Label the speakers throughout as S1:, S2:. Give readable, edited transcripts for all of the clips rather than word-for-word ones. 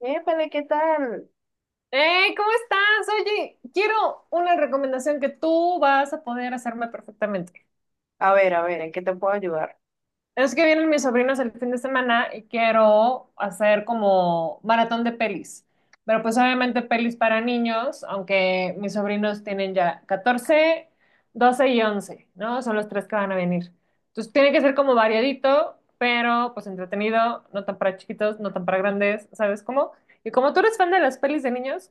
S1: Épale, ¿qué tal?
S2: ¿Cómo estás? Oye, quiero una recomendación que tú vas a poder hacerme perfectamente.
S1: A ver, ¿en qué te puedo ayudar?
S2: Es que vienen mis sobrinos el fin de semana y quiero hacer como maratón de pelis. Pero pues obviamente pelis para niños, aunque mis sobrinos tienen ya 14, 12 y 11, ¿no? Son los tres que van a venir. Entonces tiene que ser como variadito, pero pues entretenido, no tan para chiquitos, no tan para grandes, ¿sabes cómo? Y como tú eres fan de las pelis de niños,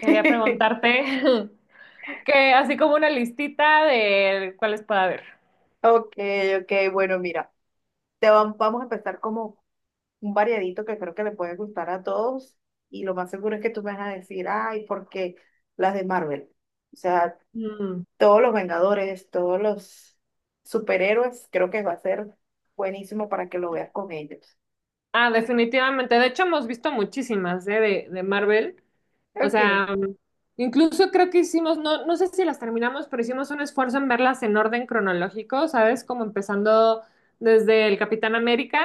S2: quería preguntarte... Que así como una listita de cuáles puede haber.
S1: Ok, ok, bueno, mira, vamos a empezar como un variadito que creo que le puede gustar a todos, y lo más seguro es que tú me vas a decir, ay, porque las de Marvel, o sea,
S2: Mm.
S1: todos los Vengadores, todos los superhéroes, creo que va a ser buenísimo para que lo veas con ellos.
S2: Ah, definitivamente. De hecho, hemos visto muchísimas, ¿eh? de Marvel. O
S1: Ok,
S2: sea, incluso creo que hicimos, no, no sé si las terminamos, pero hicimos un esfuerzo en verlas en orden cronológico, ¿sabes? Como empezando desde el Capitán América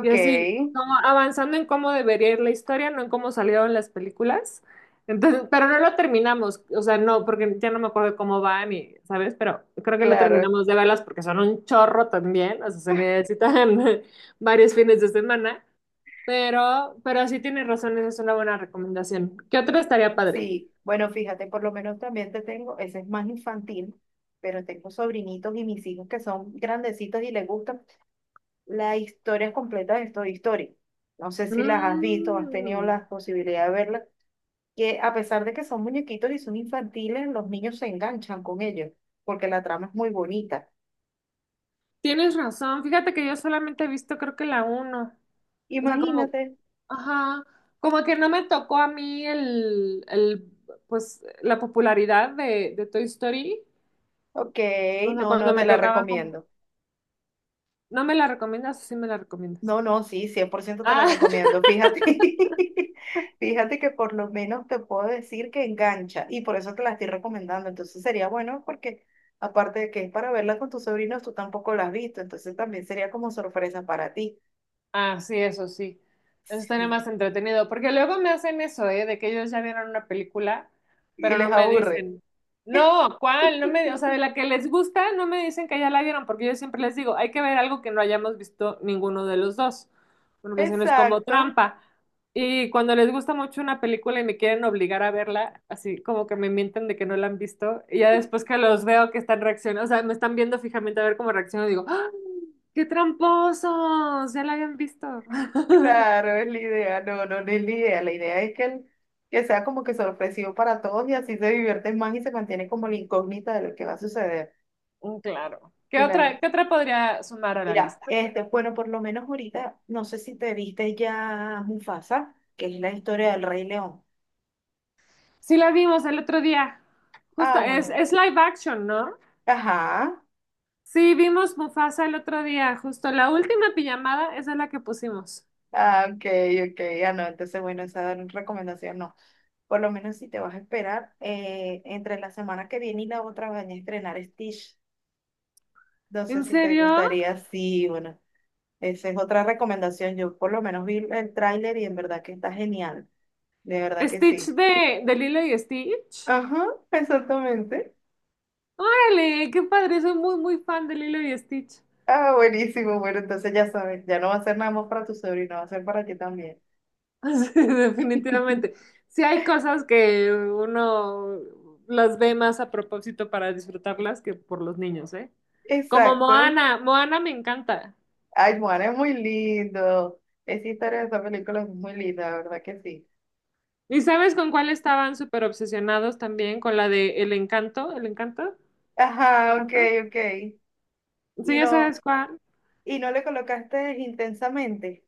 S2: y así, como avanzando en cómo debería ir la historia, no en cómo salieron las películas. Entonces, pero no lo terminamos, o sea, no, porque ya no me acuerdo cómo van y, ¿sabes? Pero creo que no
S1: claro.
S2: terminamos de verlas porque son un chorro también, o sea, se necesitan varios fines de semana. Pero sí tienes razón, esa es una buena recomendación. ¿Qué otra estaría padre?
S1: Sí, bueno, fíjate, por lo menos también te tengo, ese es más infantil, pero tengo sobrinitos y mis hijos que son grandecitos y les gustan las historias completas de Toy Story. No sé si las has visto, has tenido
S2: Mm,
S1: la posibilidad de verlas, que a pesar de que son muñequitos y son infantiles, los niños se enganchan con ellos, porque la trama es muy bonita.
S2: tienes razón. Fíjate que yo solamente he visto creo que la uno. O sea, como,
S1: Imagínate,
S2: ajá, como que no me tocó a mí el pues, la popularidad de Toy Story.
S1: ok,
S2: O sea,
S1: no, no,
S2: cuando
S1: te
S2: me
S1: la
S2: tocaba como,
S1: recomiendo.
S2: ¿no me la recomiendas o sí me la recomiendas?
S1: No, no, sí, cien por ciento te la
S2: Ah,
S1: recomiendo. Fíjate, fíjate que por lo menos te puedo decir que engancha y por eso te la estoy recomendando. Entonces sería bueno porque aparte de que es para verla con tus sobrinos, tú tampoco la has visto. Entonces también sería como sorpresa para ti.
S2: Ah, sí. Eso estaría
S1: Sí.
S2: más entretenido. Porque luego me hacen eso, ¿eh? De que ellos ya vieron una película,
S1: Y
S2: pero
S1: les
S2: no me
S1: aburre.
S2: dicen, no, ¿cuál? No me, o sea, de la que les gusta, no me dicen que ya la vieron, porque yo siempre les digo, hay que ver algo que no hayamos visto ninguno de los dos, porque si no es como
S1: Exacto,
S2: trampa. Y cuando les gusta mucho una película y me quieren obligar a verla, así como que me mienten de que no la han visto, y ya después que los veo que están reaccionando, o sea, me están viendo fijamente a ver cómo reacciono, digo, ¡ah! ¡Qué tramposos! Ya la habían visto.
S1: claro, es la idea. No, no, no es la idea. La idea es que que sea como que sorpresivo para todos y así se divierten más y se mantiene como la incógnita de lo que va a suceder.
S2: Mm, claro.
S1: Claro.
S2: Qué otra podría sumar a la
S1: Mira,
S2: lista?
S1: este, bueno, por lo menos ahorita, no sé si te viste ya Mufasa, que es la historia del Rey León.
S2: Sí la vimos el otro día. Justo,
S1: Ah, bueno.
S2: es live action, ¿no?
S1: Ajá.
S2: Sí, vimos Mufasa el otro día, justo. La última pijamada, esa es la que pusimos.
S1: Ah, ok, ok. Ah, no, entonces, bueno, esa recomendación no. Por lo menos si te vas a esperar, entre la semana que viene y la otra van a estrenar Stitch. No sé
S2: ¿En
S1: si te
S2: serio?
S1: gustaría, sí, bueno, esa es otra recomendación. Yo por lo menos vi el tráiler y en verdad que está genial. De verdad que
S2: ¿Stitch
S1: sí.
S2: de Lilo y Stitch?
S1: Ajá, exactamente.
S2: ¡Órale! ¡Qué padre! Soy muy, muy fan de Lilo y Stitch.
S1: Ah, buenísimo. Bueno, entonces ya sabes, ya no va a ser nada más para tu sobrino, va a ser para ti también.
S2: Sí, definitivamente. Sí hay cosas que uno las ve más a propósito para disfrutarlas que por los niños, ¿eh? Como
S1: Exacto.
S2: Moana, Moana me encanta.
S1: Ay, Juan, es muy lindo. Esa historia de esa película es muy linda, la verdad que sí.
S2: ¿Y sabes con cuál estaban súper obsesionados también? Con la de El Encanto, ¿El Encanto?
S1: Ajá, ok,
S2: ¿Encanto?
S1: ok. Y
S2: Sí, ya
S1: no,
S2: sabes cuál.
S1: y no le colocaste intensamente.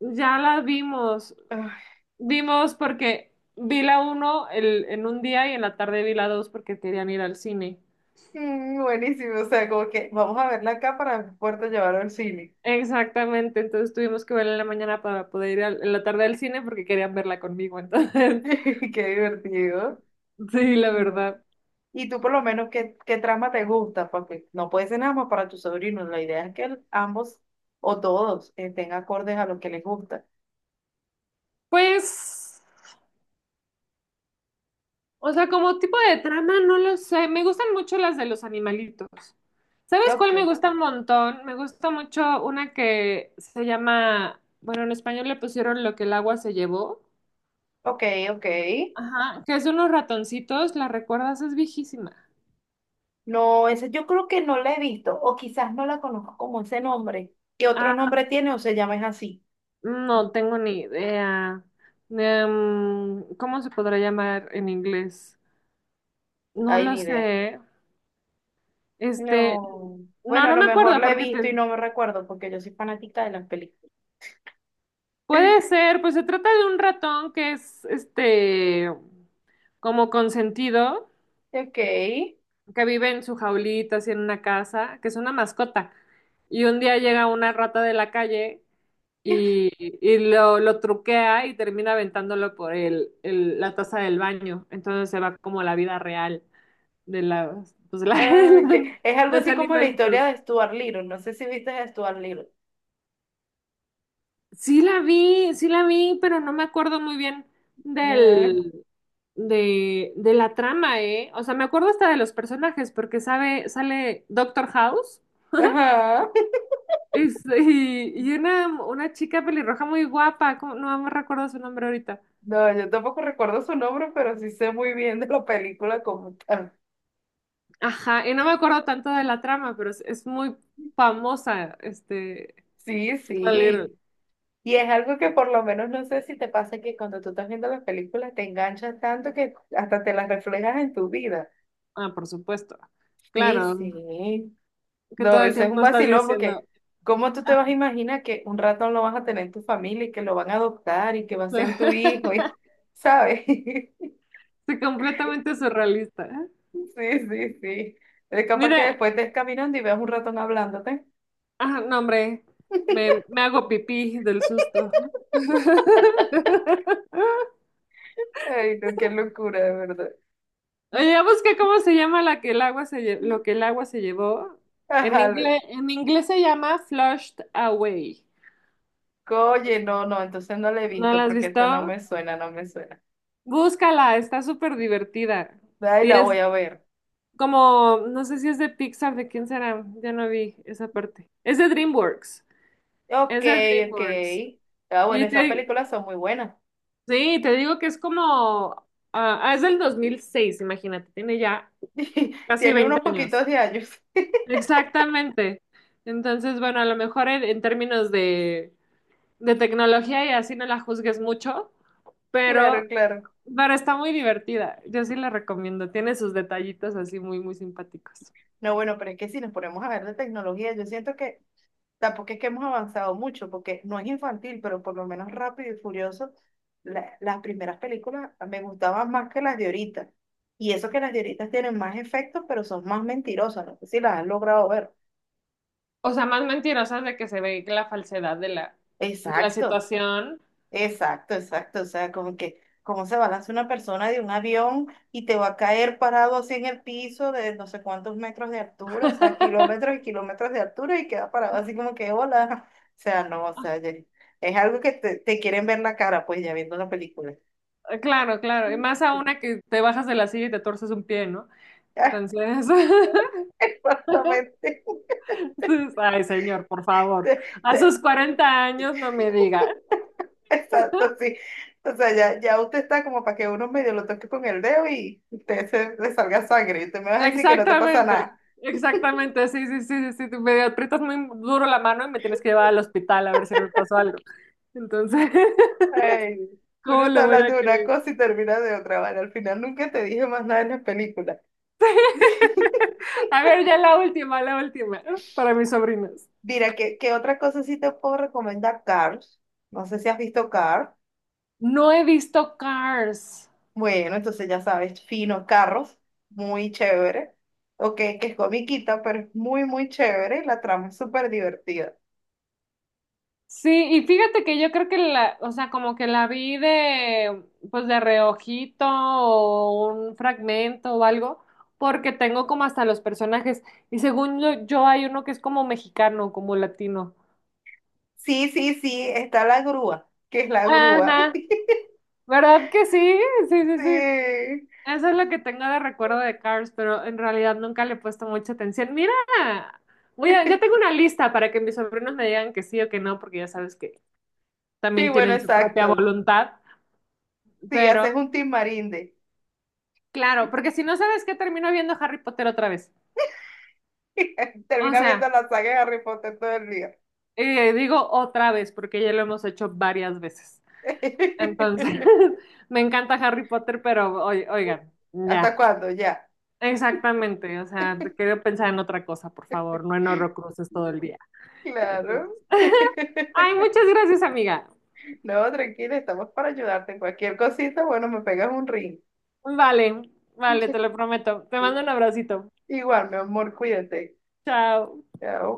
S2: Ya la vimos.
S1: Ay,
S2: Vimos porque vi la uno en un día y en la tarde vi la dos porque querían ir al cine.
S1: mm, buenísimo, o sea, como que vamos a verla acá para poder llevarlo al cine.
S2: Exactamente, entonces tuvimos que verla en la mañana para poder ir en la tarde al cine porque querían verla conmigo, entonces,
S1: Qué divertido.
S2: sí, la verdad.
S1: Y tú por lo menos, ¿qué, qué trama te gusta? Porque no puede ser nada más para tus sobrinos. La idea es que ambos o todos estén acordes a lo que les gusta.
S2: Pues, o sea, como tipo de trama, no lo sé, me gustan mucho las de los animalitos.
S1: Y
S2: ¿Sabes cuál
S1: ok,
S2: me gusta un montón? Me gusta mucho una que se llama, bueno, en español le pusieron Lo que el agua se llevó,
S1: ok, ok.
S2: ajá, que es de unos ratoncitos, ¿la recuerdas? Es viejísima.
S1: No, ese yo creo que no la he visto o quizás no la conozco como ese nombre. ¿Qué otro nombre tiene o se llama es así?
S2: No tengo ni idea. ¿Cómo se podrá llamar en inglés? No
S1: Hay
S2: lo
S1: ni idea.
S2: sé. Este,
S1: No.
S2: no,
S1: Bueno, a
S2: no
S1: lo
S2: me
S1: mejor
S2: acuerdo
S1: la he
S2: porque
S1: visto y
S2: te...
S1: no me recuerdo porque yo soy fanática de las películas.
S2: Puede ser, pues se trata de un ratón que es, este, como consentido,
S1: Ok.
S2: que vive en su jaulita, así en una casa, que es una mascota. Y un día llega una rata de la calle y lo truquea y termina aventándolo por el, la taza del baño. Entonces se va como la vida real. De la, pues,
S1: Ah, que es algo
S2: los
S1: así como la historia
S2: animalitos.
S1: de Stuart Little. No sé si viste a Stuart Little.
S2: Sí la vi, pero no me acuerdo muy bien del, de la trama, ¿eh? O sea, me acuerdo hasta de los personajes, porque sabe, sale Doctor House
S1: Ajá.
S2: y una chica pelirroja muy guapa, ¿cómo? No me recuerdo su nombre ahorita.
S1: No, yo tampoco recuerdo su nombre, pero sí sé muy bien de la película como tal.
S2: Ajá, y no me acuerdo tanto de la trama, pero es muy famosa, este,
S1: Sí,
S2: Scarlet
S1: sí.
S2: Little.
S1: Y es algo que por lo menos no sé si te pasa que cuando tú estás viendo las películas te enganchas tanto que hasta te las reflejas en tu vida.
S2: Ah, por supuesto.
S1: Sí,
S2: Claro,
S1: sí.
S2: que
S1: No,
S2: todo el
S1: eso es un
S2: tiempo estás
S1: vacilón
S2: diciendo.
S1: porque ¿cómo tú te vas
S2: Ah,
S1: a imaginar que un ratón lo vas a tener en tu familia y que lo van a adoptar y que va a ser tu hijo? Y,
S2: estoy
S1: ¿sabes?
S2: completamente surrealista.
S1: Sí, sí, sí. Es capaz que
S2: Mira,
S1: después estés caminando y veas un ratón hablándote.
S2: ah, no, hombre, me hago pipí del susto.
S1: Ay, no, qué locura, de verdad.
S2: Oye, ya busqué cómo se llama la que el agua se lo que el agua se llevó. En
S1: Ajá,
S2: inglés, en inglés se llama Flushed Away.
S1: oye, no, no, entonces no la he
S2: ¿No
S1: visto
S2: la has
S1: porque eso no
S2: visto?
S1: me suena, no me suena.
S2: Búscala, está súper divertida.
S1: Ay,
S2: Y
S1: la voy
S2: es
S1: a ver.
S2: como, no sé si es de Pixar, de quién será, ya no vi esa parte. Es de DreamWorks,
S1: Ok,
S2: es de
S1: ok.
S2: DreamWorks.
S1: Ah, bueno,
S2: Y
S1: esas
S2: te,
S1: películas son muy buenas.
S2: sí, te digo que es como, es del 2006. Imagínate, tiene ya casi
S1: Tiene
S2: 20
S1: unos
S2: años.
S1: poquitos de años.
S2: Exactamente. Entonces, bueno, a lo mejor en términos de tecnología y así no la juzgues mucho, pero,
S1: Claro, claro.
S2: pero está muy divertida. Yo sí la recomiendo. Tiene sus detallitos así muy, muy simpáticos.
S1: No, bueno, pero es que si nos ponemos a ver de tecnología, yo siento que tampoco es que hemos avanzado mucho, porque no es infantil, pero por lo menos Rápido y Furioso, las primeras películas me gustaban más que las de ahorita. Y eso que las de ahorita tienen más efectos, pero son más mentirosas. No sé si las han logrado ver.
S2: O sea, más mentirosas de que se ve la falsedad de la
S1: Exacto.
S2: situación.
S1: Exacto, exacto. O sea, como que, ¿cómo se balanza una persona de un avión y te va a caer parado así en el piso de no sé cuántos metros de altura, o sea, kilómetros y kilómetros de altura y queda parado así como que, hola? O sea, no, o sea, es algo que te quieren ver la cara, pues ya viendo la película.
S2: Claro, claro. Y más a una que te bajas de la silla y te torces un pie, ¿no? Entonces...
S1: Exactamente.
S2: Ay, señor, por favor.
S1: Te-
S2: A
S1: te-
S2: sus 40 años no me diga.
S1: Exacto, sí. O sea, ya, ya usted está como para que uno medio lo toque con el dedo y usted se, le salga sangre. Y usted me va a decir que no te pasa.
S2: Exactamente, exactamente. Sí, sí, sí, sí. Sí. Me aprietas muy duro la mano y me tienes que llevar al hospital a ver si no me pasó algo. Entonces,
S1: Ay, uno
S2: ¿cómo
S1: está
S2: lo voy
S1: hablando
S2: a
S1: de una
S2: creer?
S1: cosa y termina de otra, ¿vale? Al final nunca te dije más nada en las películas.
S2: A ver, ya la última, para mis sobrinas.
S1: Mira, ¿qué, qué otra cosa sí te puedo recomendar? Cars. No sé si has visto Cars.
S2: No he visto Cars.
S1: Bueno, entonces ya sabes, finos carros, muy chévere. Ok, que es comiquita, pero es muy chévere y la trama es súper divertida.
S2: Sí, y fíjate que yo creo que la, o sea, como que la vi de, pues de reojito o un fragmento o algo, porque tengo como hasta los personajes. Y según yo, yo hay uno que es como mexicano, como latino.
S1: Sí, sí, sí, está la grúa, que es la grúa.
S2: Ajá, ¿verdad que sí? Sí, sí, sí.
S1: Sí.
S2: Eso es lo que tengo de recuerdo de Cars, pero en realidad nunca le he puesto mucha atención. Mira, ya tengo una lista para que mis sobrinos me digan que sí o que no, porque ya sabes que
S1: Sí,
S2: también
S1: bueno,
S2: tienen su propia
S1: exacto.
S2: voluntad,
S1: Sí,
S2: pero...
S1: haces un team marinde.
S2: Claro, porque si no sabes qué termino viendo Harry Potter otra vez. O
S1: Termina
S2: sea,
S1: viendo la saga de Harry Potter todo el día.
S2: digo otra vez porque ya lo hemos hecho varias veces. Entonces, me encanta Harry Potter, pero oigan,
S1: ¿Hasta
S2: ya,
S1: cuándo? Ya.
S2: exactamente. O sea, te quiero pensar en otra cosa, por favor, no en Horrocruxes todo el día.
S1: Claro.
S2: Entonces, ay, muchas gracias, amiga.
S1: No, tranquila, estamos para ayudarte en cualquier cosita, bueno, me pegas un ring.
S2: Vale, vale, te lo prometo. Te mando un abracito.
S1: Igual, mi amor, cuídate.
S2: Chao.
S1: Chao.